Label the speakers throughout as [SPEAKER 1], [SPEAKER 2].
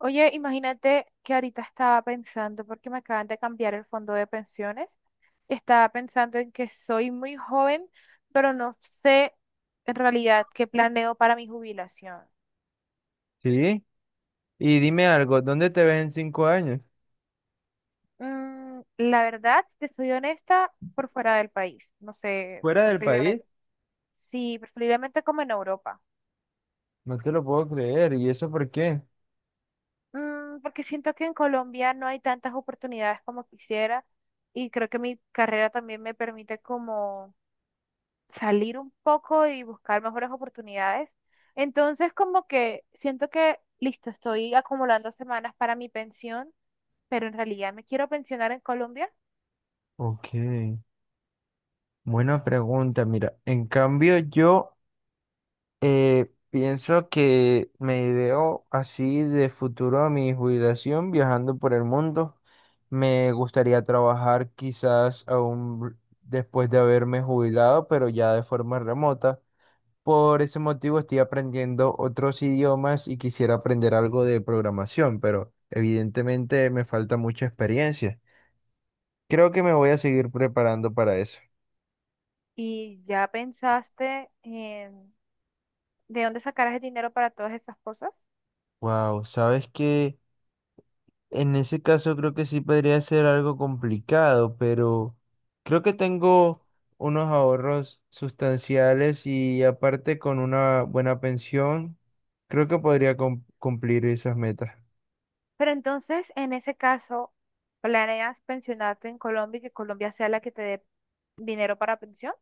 [SPEAKER 1] Oye, imagínate que ahorita estaba pensando, porque me acaban de cambiar el fondo de pensiones, y estaba pensando en que soy muy joven, pero no sé en realidad qué planeo para mi jubilación.
[SPEAKER 2] Sí, y dime algo, ¿dónde te ves en 5 años?
[SPEAKER 1] La verdad, si te soy honesta, por fuera del país, no sé,
[SPEAKER 2] ¿Fuera del país?
[SPEAKER 1] preferiblemente. Sí, preferiblemente como en Europa.
[SPEAKER 2] No te lo puedo creer, ¿y eso por qué?
[SPEAKER 1] Porque siento que en Colombia no hay tantas oportunidades como quisiera, y creo que mi carrera también me permite como salir un poco y buscar mejores oportunidades. Entonces, como que siento que, listo, estoy acumulando semanas para mi pensión, pero en realidad me quiero pensionar en Colombia
[SPEAKER 2] Ok, buena pregunta, mira, en cambio yo pienso que me ideo así de futuro a mi jubilación viajando por el mundo. Me gustaría trabajar quizás aún después de haberme jubilado, pero ya de forma remota. Por ese motivo estoy aprendiendo otros idiomas y quisiera aprender algo de programación, pero evidentemente me falta mucha experiencia. Creo que me voy a seguir preparando para eso.
[SPEAKER 1] y ya pensaste en de dónde sacarás el dinero para todas esas cosas.
[SPEAKER 2] Wow, sabes que en ese caso creo que sí podría ser algo complicado, pero creo que tengo unos ahorros sustanciales y aparte con una buena pensión, creo que podría cumplir esas metas.
[SPEAKER 1] Pero entonces, en ese caso, ¿planeas pensionarte en Colombia y que Colombia sea la que te dé dinero para pensión?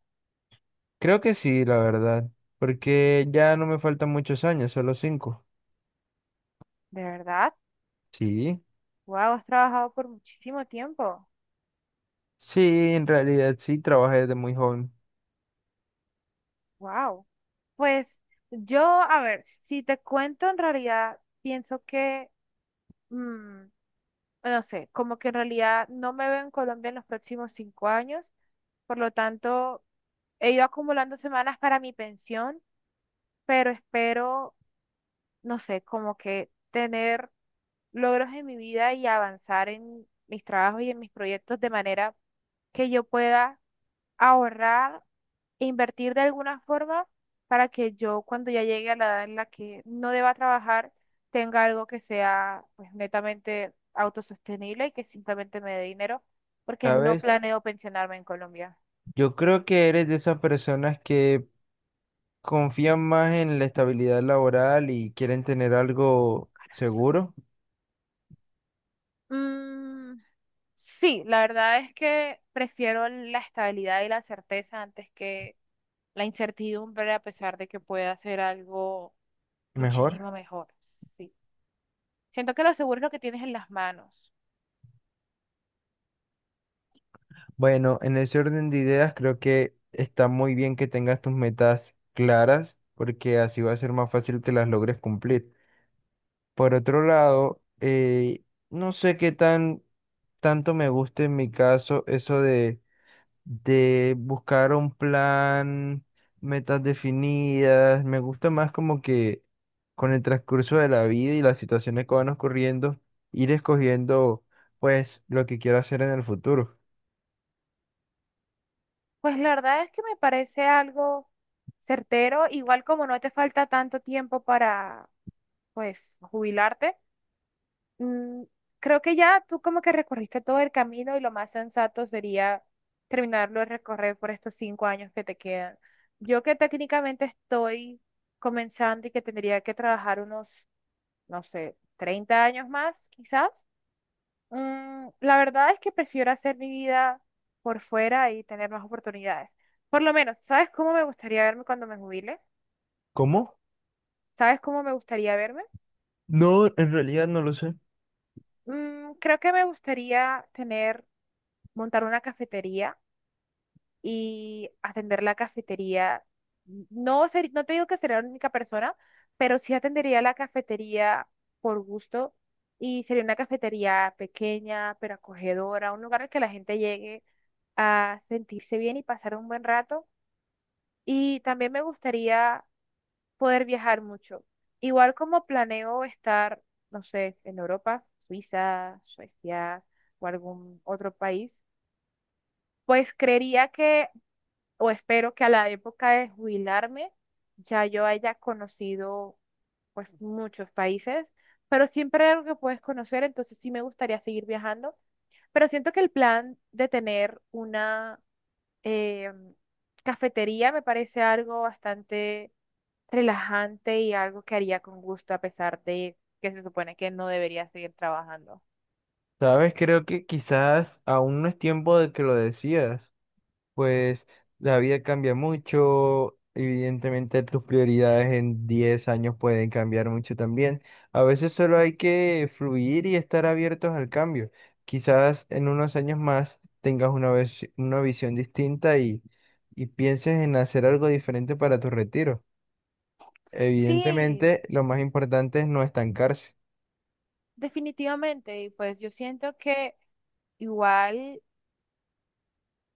[SPEAKER 2] Creo que sí, la verdad, porque ya no me faltan muchos años, solo cinco.
[SPEAKER 1] ¿De verdad?
[SPEAKER 2] Sí.
[SPEAKER 1] Wow, has trabajado por muchísimo tiempo.
[SPEAKER 2] Sí, en realidad sí, trabajé desde muy joven,
[SPEAKER 1] Wow. Pues yo, a ver, si te cuento, en realidad pienso que, mm, no sé, como que en realidad no me veo en Colombia en los próximos 5 años. Por lo tanto, he ido acumulando semanas para mi pensión, pero espero, no sé, como que tener logros en mi vida y avanzar en mis trabajos y en mis proyectos de manera que yo pueda ahorrar e invertir de alguna forma para que yo cuando ya llegue a la edad en la que no deba trabajar, tenga algo que sea pues netamente autosostenible y que simplemente me dé dinero, porque no
[SPEAKER 2] ¿sabes?
[SPEAKER 1] planeo pensionarme en Colombia.
[SPEAKER 2] Yo creo que eres de esas personas que confían más en la estabilidad laboral y quieren tener algo seguro,
[SPEAKER 1] Mm, sí, la verdad es que prefiero la estabilidad y la certeza antes que la incertidumbre, a pesar de que pueda ser algo
[SPEAKER 2] mejor.
[SPEAKER 1] muchísimo mejor. Sí. Siento que lo seguro es lo que tienes en las manos.
[SPEAKER 2] Bueno, en ese orden de ideas creo que está muy bien que tengas tus metas claras, porque así va a ser más fácil que las logres cumplir. Por otro lado, no sé qué tan tanto me gusta en mi caso eso de buscar un plan, metas definidas. Me gusta más como que con el transcurso de la vida y las situaciones que van ocurriendo, ir escogiendo pues lo que quiero hacer en el futuro.
[SPEAKER 1] Pues la verdad es que me parece algo certero, igual como no te falta tanto tiempo para, pues, jubilarte, mm, creo que ya tú como que recorriste todo el camino y lo más sensato sería terminarlo de recorrer por estos 5 años que te quedan. Yo que técnicamente estoy comenzando y que tendría que trabajar unos, no sé, 30 años más, quizás. La verdad es que prefiero hacer mi vida por fuera y tener más oportunidades. Por lo menos, ¿sabes cómo me gustaría verme cuando me jubile?
[SPEAKER 2] ¿Cómo?
[SPEAKER 1] ¿Sabes cómo me gustaría verme?
[SPEAKER 2] No, en realidad no lo sé.
[SPEAKER 1] Creo que me gustaría tener, montar una cafetería y atender la cafetería. No ser, no te digo que sería la única persona, pero sí atendería la cafetería por gusto y sería una cafetería pequeña, pero acogedora, un lugar al que la gente llegue a sentirse bien y pasar un buen rato. Y también me gustaría poder viajar mucho. Igual como planeo estar, no sé, en Europa, Suiza, Suecia o algún otro país, pues creería que, o espero que a la época de jubilarme ya yo haya conocido pues muchos países, pero siempre hay algo que puedes conocer, entonces sí me gustaría seguir viajando. Pero siento que el plan de tener una eh, cafetería me parece algo bastante relajante y algo que haría con gusto a pesar de que se supone que no debería seguir trabajando.
[SPEAKER 2] Sabes, creo que quizás aún no es tiempo de que lo decidas. Pues la vida cambia mucho, evidentemente tus prioridades en 10 años pueden cambiar mucho también. A veces solo hay que fluir y estar abiertos al cambio. Quizás en unos años más tengas una visión distinta y pienses en hacer algo diferente para tu retiro.
[SPEAKER 1] Sí,
[SPEAKER 2] Evidentemente, lo más importante es no estancarse.
[SPEAKER 1] definitivamente. Y pues yo siento que igual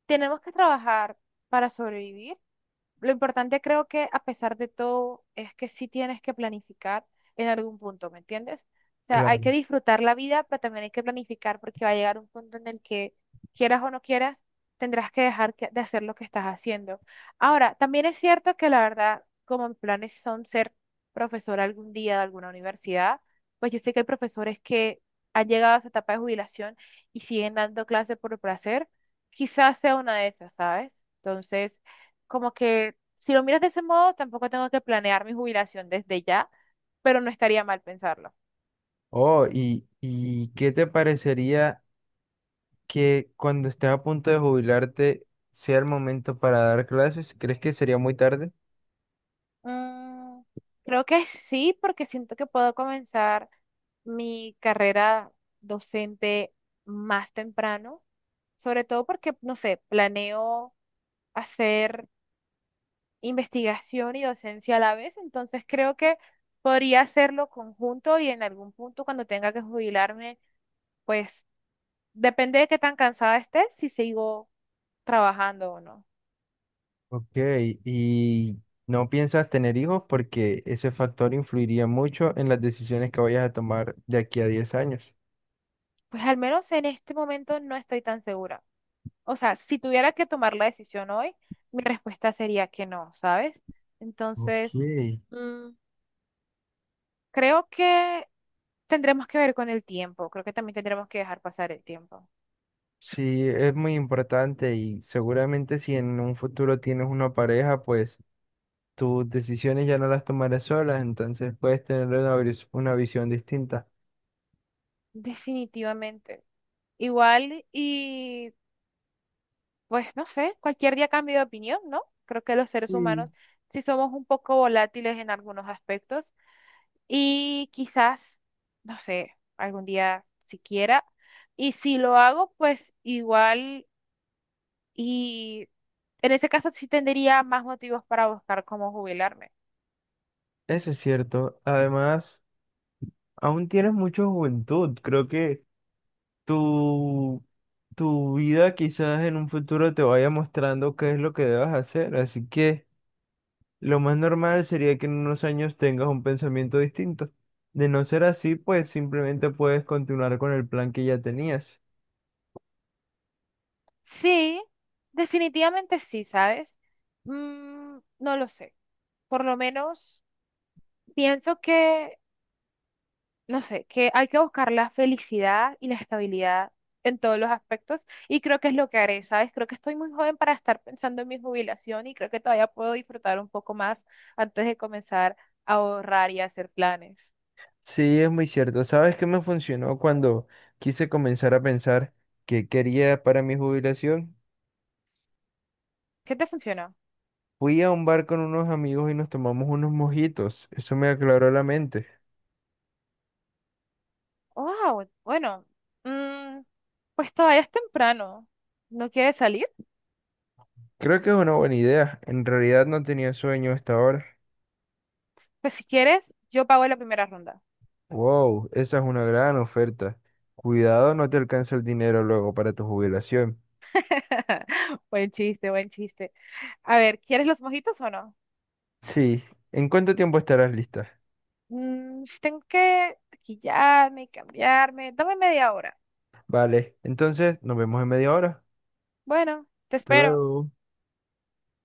[SPEAKER 1] tenemos que trabajar para sobrevivir. Lo importante creo que a pesar de todo es que sí tienes que planificar en algún punto, ¿me entiendes? O sea, hay
[SPEAKER 2] Claro.
[SPEAKER 1] que disfrutar la vida, pero también hay que planificar porque va a llegar un punto en el que quieras o no quieras, tendrás que de hacer lo que estás haciendo. Ahora, también es cierto que la verdad, como mis planes son ser profesora algún día de alguna universidad, pues yo sé que hay profesores que han llegado a su etapa de jubilación y siguen dando clases por placer, quizás sea una de esas, ¿sabes? Entonces como que si lo miras de ese modo, tampoco tengo que planear mi jubilación desde ya, pero no estaría mal pensarlo.
[SPEAKER 2] Oh, ¿Y qué te parecería que cuando estés a punto de jubilarte sea el momento para dar clases? ¿Crees que sería muy tarde?
[SPEAKER 1] Mm, Creo que sí, porque siento que puedo comenzar mi carrera docente más temprano, sobre todo porque, no sé, planeo hacer investigación y docencia a la vez, entonces creo que podría hacerlo conjunto y en algún punto cuando tenga que jubilarme, pues depende de qué tan cansada esté, si sigo trabajando o no.
[SPEAKER 2] Ok, ¿y no piensas tener hijos porque ese factor influiría mucho en las decisiones que vayas a tomar de aquí a 10 años?
[SPEAKER 1] Pues al menos en este momento no estoy tan segura. O sea, si tuviera que tomar la decisión hoy, mi respuesta sería que no, ¿sabes?
[SPEAKER 2] Ok,
[SPEAKER 1] Entonces, mm, creo que tendremos que ver con el tiempo. Creo que también tendremos que dejar pasar el tiempo.
[SPEAKER 2] sí, es muy importante y seguramente si en un futuro tienes una pareja, pues tus decisiones ya no las tomarás solas, entonces puedes tener una visión distinta.
[SPEAKER 1] Definitivamente. Igual y pues no sé, cualquier día cambio de opinión, ¿no? Creo que los seres
[SPEAKER 2] Mm.
[SPEAKER 1] humanos sí somos un poco volátiles en algunos aspectos. Y quizás, no sé, algún día siquiera. Y si lo hago, pues igual, y en ese caso sí tendría más motivos para buscar cómo jubilarme.
[SPEAKER 2] Eso es cierto. Además, aún tienes mucha juventud. Creo que tu, tu vida quizás en un futuro te vaya mostrando qué es lo que debas hacer. Así que lo más normal sería que en unos años tengas un pensamiento distinto. De no ser así, pues simplemente puedes continuar con el plan que ya tenías.
[SPEAKER 1] Sí, definitivamente sí, ¿sabes? No lo sé. Por lo menos pienso que no sé, que hay que buscar la felicidad y la estabilidad en todos los aspectos y creo que es lo que haré, ¿sabes? Creo que estoy muy joven para estar pensando en mi jubilación y creo que todavía puedo disfrutar un poco más antes de comenzar a ahorrar y a hacer planes.
[SPEAKER 2] Sí, es muy cierto. ¿Sabes qué me funcionó cuando quise comenzar a pensar qué quería para mi jubilación?
[SPEAKER 1] ¿Qué te funcionó?
[SPEAKER 2] Fui a un bar con unos amigos y nos tomamos unos mojitos. Eso me aclaró la mente.
[SPEAKER 1] Wow, bueno, mm, pues todavía es temprano. ¿No quieres salir?
[SPEAKER 2] Creo que es una buena idea. En realidad no tenía sueño hasta ahora.
[SPEAKER 1] Pues si quieres, yo pago la primera ronda.
[SPEAKER 2] Wow, esa es una gran oferta. Cuidado, no te alcanza el dinero luego para tu jubilación.
[SPEAKER 1] Buen chiste, buen chiste. A ver, ¿quieres los mojitos o no?
[SPEAKER 2] Sí, ¿en cuánto tiempo estarás lista?
[SPEAKER 1] Tengo que maquillarme y cambiarme. Dame media hora.
[SPEAKER 2] Vale, entonces nos vemos en media hora.
[SPEAKER 1] Bueno, te
[SPEAKER 2] Hasta
[SPEAKER 1] espero.
[SPEAKER 2] luego.